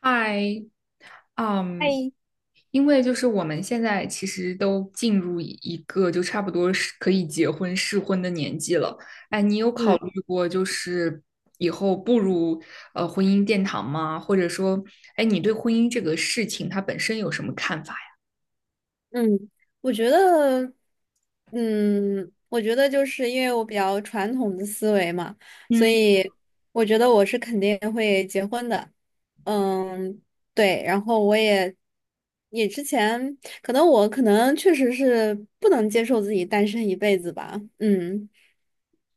嗨，嗯，哎，因为就是我们现在其实都进入一个就差不多是可以结婚适婚的年纪了。哎，你有考嗯虑过就是以后步入婚姻殿堂吗？或者说，哎，你对婚姻这个事情它本身有什么看法呀？嗯，我觉得，就是因为我比较传统的思维嘛，所嗯以我觉得我是肯定会结婚的。嗯，对，然后我也之前可能确实是不能接受自己单身一辈子吧。嗯，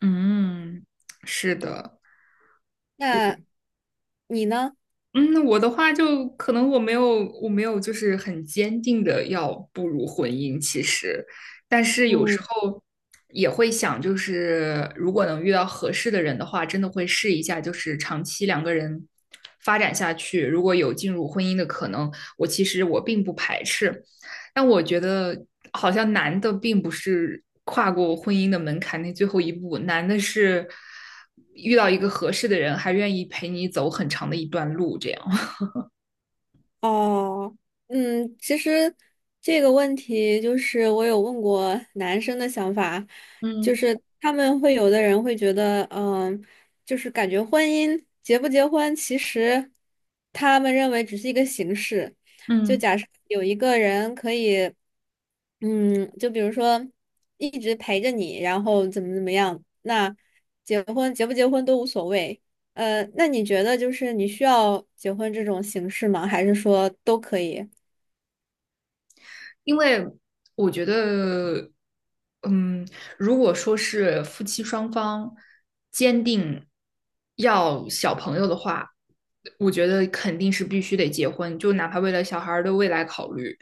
嗯，是的。那你呢？嗯，我的话就可能我没有就是很坚定的要步入婚姻，其实，但是有嗯。时候也会想，就是如果能遇到合适的人的话，真的会试一下，就是长期两个人发展下去，如果有进入婚姻的可能，我其实我并不排斥，但我觉得好像难的并不是跨过婚姻的门槛那最后一步，难的是遇到一个合适的人，还愿意陪你走很长的一段路，这样。哦，其实这个问题就是我有问过男生的想法，就嗯是他们会有的人会觉得，就是感觉婚姻结不结婚，其实他们认为只是一个形式。就嗯，假设有一个人可以，就比如说一直陪着你，然后怎么怎么样，那结婚结不结婚都无所谓。那你觉得就是你需要结婚这种形式吗？还是说都可以？因为我觉得，嗯，如果说是夫妻双方坚定要小朋友的话，我觉得肯定是必须得结婚，就哪怕为了小孩儿的未来考虑。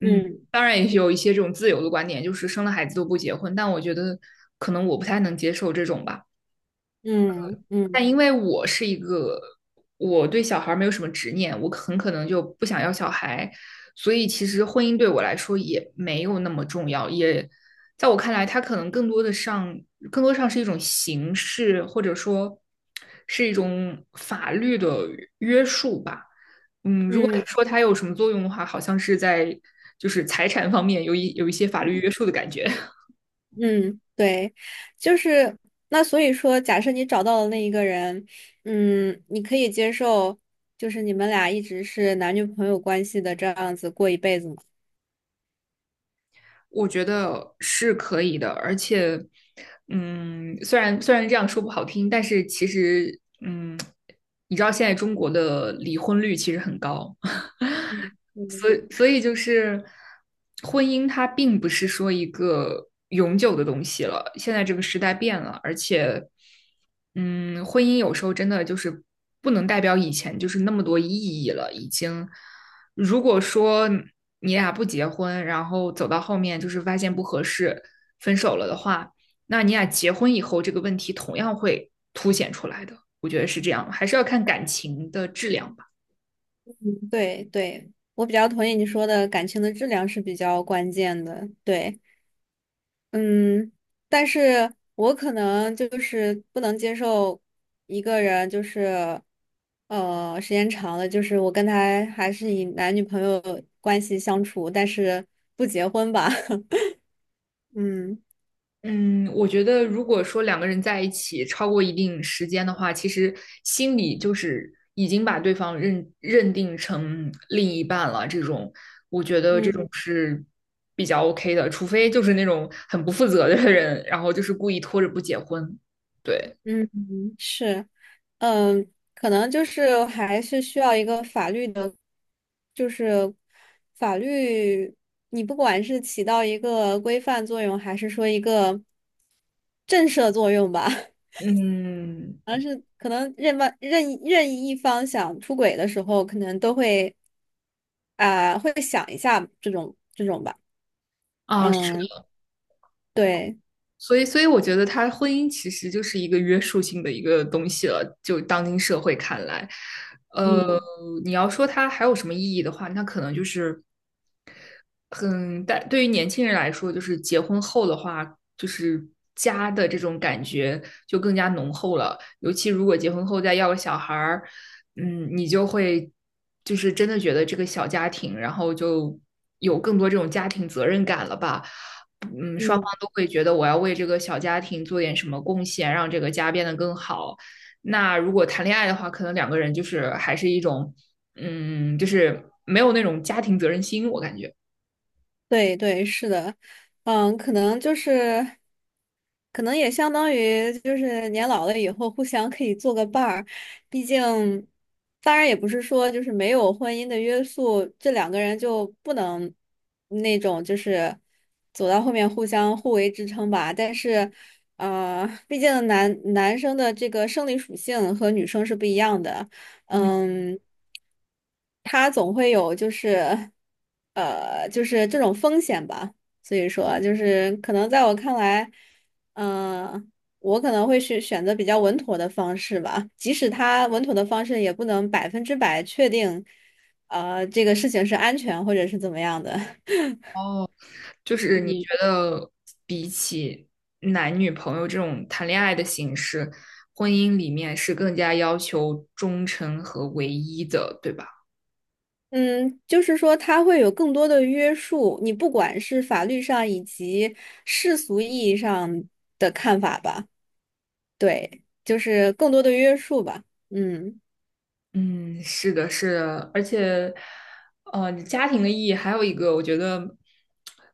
嗯，嗯当然也有一些这种自由的观点，就是生了孩子都不结婚，但我觉得可能我不太能接受这种吧。嗯嗯但因为我是一个，我对小孩没有什么执念，我很可能就不想要小孩，所以其实婚姻对我来说也没有那么重要，也在我看来，它可能更多的上，更多上是一种形式，或者说是一种法律的约束吧。嗯，如果嗯说它有什么作用的话，好像是在就是财产方面有一些法律约束的感觉。嗯，对，就是那所以说，假设你找到了那一个人，你可以接受，就是你们俩一直是男女朋友关系的这样子过一辈子吗？我觉得是可以的，而且，嗯，虽然这样说不好听，但是其实，嗯，你知道现在中国的离婚率其实很高，所嗯，以，所以就是婚姻，它并不是说一个永久的东西了。现在这个时代变了，而且，嗯，婚姻有时候真的就是不能代表以前就是那么多意义了。已经，如果说你俩不结婚，然后走到后面就是发现不合适，分手了的话，那你俩结婚以后这个问题同样会凸显出来的。我觉得是这样，还是要看感情的质量吧。对对，我比较同意你说的，感情的质量是比较关键的，对。嗯，但是我可能就是不能接受一个人，就是时间长了，就是我跟他还是以男女朋友关系相处，但是不结婚吧。嗯嗯，我觉得如果说两个人在一起超过一定时间的话，其实心里就是已经把对方认定成另一半了。这种，我觉得这嗯种是比较 OK 的，除非就是那种很不负责的人，然后就是故意拖着不结婚。对，嗯，嗯是，可能就是还是需要一个法律的，就是法律，你不管是起到一个规范作用，还是说一个震慑作用吧。嗯，而是可能任意一方想出轨的时候，可能都会啊、会想一下这种吧。啊，是的，嗯，对，所以，所以我觉得他婚姻其实就是一个约束性的一个东西了，就当今社会看来。呃，嗯你要说它还有什么意义的话，那可能就是很但对于年轻人来说，就是结婚后的话，就是家的这种感觉就更加浓厚了。尤其如果结婚后再要个小孩儿，嗯，你就会就是真的觉得这个小家庭，然后就有更多这种家庭责任感了吧。嗯，双方嗯，都会觉得我要为这个小家庭做点什么贡献，让这个家变得更好。那如果谈恋爱的话，可能两个人就是还是一种，嗯，就是没有那种家庭责任心，我感觉。对对，是的，嗯，可能就是。可能也相当于就是年老了以后互相可以做个伴儿，毕竟，当然也不是说就是没有婚姻的约束，这两个人就不能那种就是走到后面互相互为支撑吧。但是，毕竟男生的这个生理属性和女生是不一样的，嗯。嗯，他总会有就是这种风险吧。所以说，就是可能在我看来。嗯，我可能会去选择比较稳妥的方式吧，即使它稳妥的方式也不能百分之百确定，这个事情是安全或者是怎么样的。哦，就是你嗯觉得比起男女朋友这种谈恋爱的形式，婚姻里面是更加要求忠诚和唯一的，对吧？嗯，就是说它会有更多的约束，你不管是法律上以及世俗意义上的看法吧，对，就是更多的约束吧。嗯，嗯，是的，是的，而且，家庭的意义还有一个，我觉得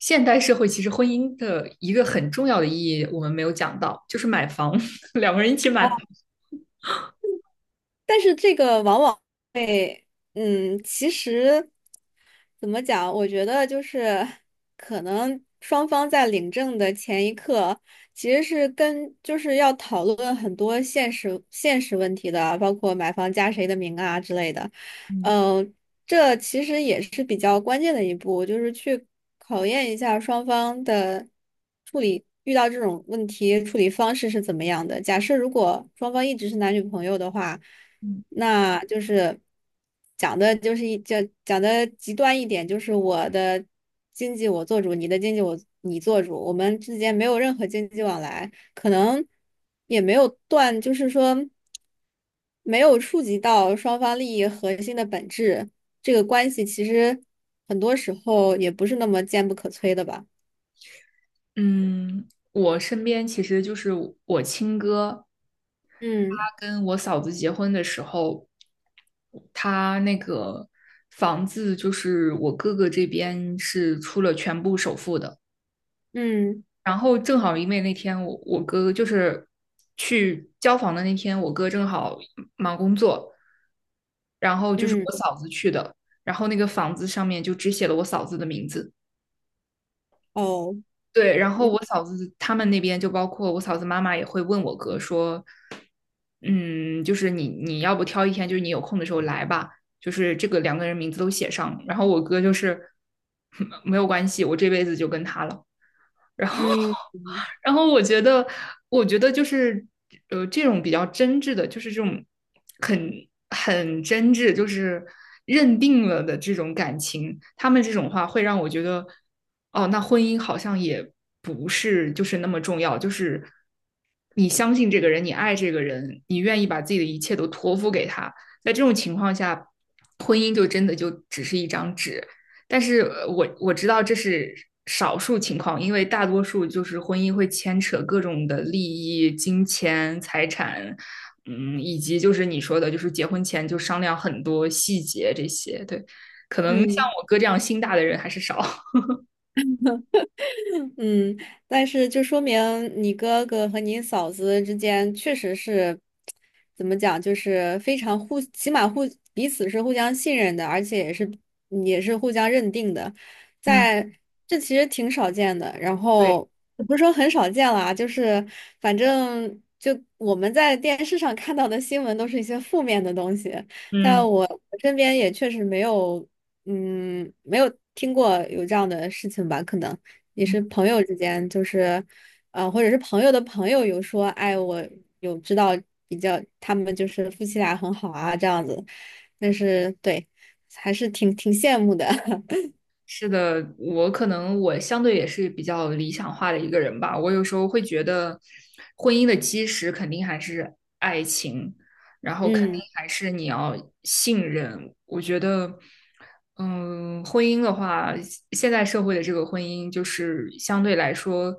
现代社会其实婚姻的一个很重要的意义，我们没有讲到，就是买房，两个人一起买房。但是这个往往。会，其实怎么讲？我觉得就是可能双方在领证的前一刻，其实是跟就是要讨论很多现实问题的，包括买房加谁的名啊之类的。嗯嗯，这其实也是比较关键的一步，就是去考验一下双方的处理，遇到这种问题处理方式是怎么样的。假设如果双方一直是男女朋友的话。嗯，那就是讲的，就是讲的极端一点，就是我的经济我做主，你的经济我你做主，我们之间没有任何经济往来，可能也没有断，就是说没有触及到双方利益核心的本质，这个关系其实很多时候也不是那么坚不可摧的吧。嗯我身边其实就是我亲哥。他嗯跟我嫂子结婚的时候，他那个房子就是我哥哥这边是出了全部首付的，嗯然后正好因为那天我哥就是去交房的那天，我哥正好忙工作，然后就是嗯，我嫂子去的，然后那个房子上面就只写了我嫂子的名字。哦，对，然后我嫂子他们那边就包括我嫂子妈妈也会问我哥说，嗯，就是你要不挑一天，就是你有空的时候来吧，就是这个两个人名字都写上，然后我哥就是 没有关系，我这辈子就跟他了。然后，嗯嗯然后我觉得，我觉得就是，这种比较真挚的，就是这种很很真挚，就是认定了的这种感情，他们这种话会让我觉得，哦，那婚姻好像也不是就是那么重要，就是你相信这个人，你爱这个人，你愿意把自己的一切都托付给他，在这种情况下，婚姻就真的就只是一张纸，但是我知道这是少数情况，因为大多数就是婚姻会牵扯各种的利益、金钱、财产，嗯，以及就是你说的，就是结婚前就商量很多细节这些。对，可能像嗯。我哥这样心大的人还是少。嗯，但是就说明你哥哥和你嫂子之间确实是，怎么讲，就是非常互，起码互彼此是互相信任的，而且也是互相认定的，嗯，在这其实挺少见的。然对，后也不是说很少见啦，就是反正就我们在电视上看到的新闻都是一些负面的东西，在嗯。我身边也确实没有，嗯，没有听过有这样的事情吧，可能。也是朋友之间，就是，或者是朋友的朋友有说，哎，我有知道比较，他们就是夫妻俩很好啊，这样子，但是对，还是挺羡慕的。是的，我可能我相对也是比较理想化的一个人吧。我有时候会觉得，婚姻的基石肯定还是爱情，然后肯定嗯还是你要信任。我觉得，嗯，婚姻的话，现在社会的这个婚姻就是相对来说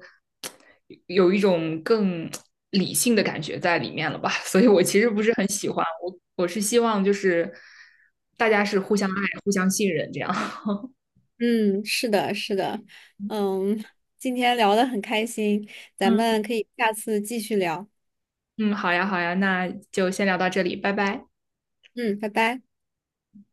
有一种更理性的感觉在里面了吧。所以我其实不是很喜欢，我是希望就是大家是互相爱、互相信任这样。嗯，是的，是的，嗯，今天聊得很开心，咱嗯。们可以下次继续聊。嗯，好呀，好呀，那就先聊到这里，拜拜。嗯，拜拜。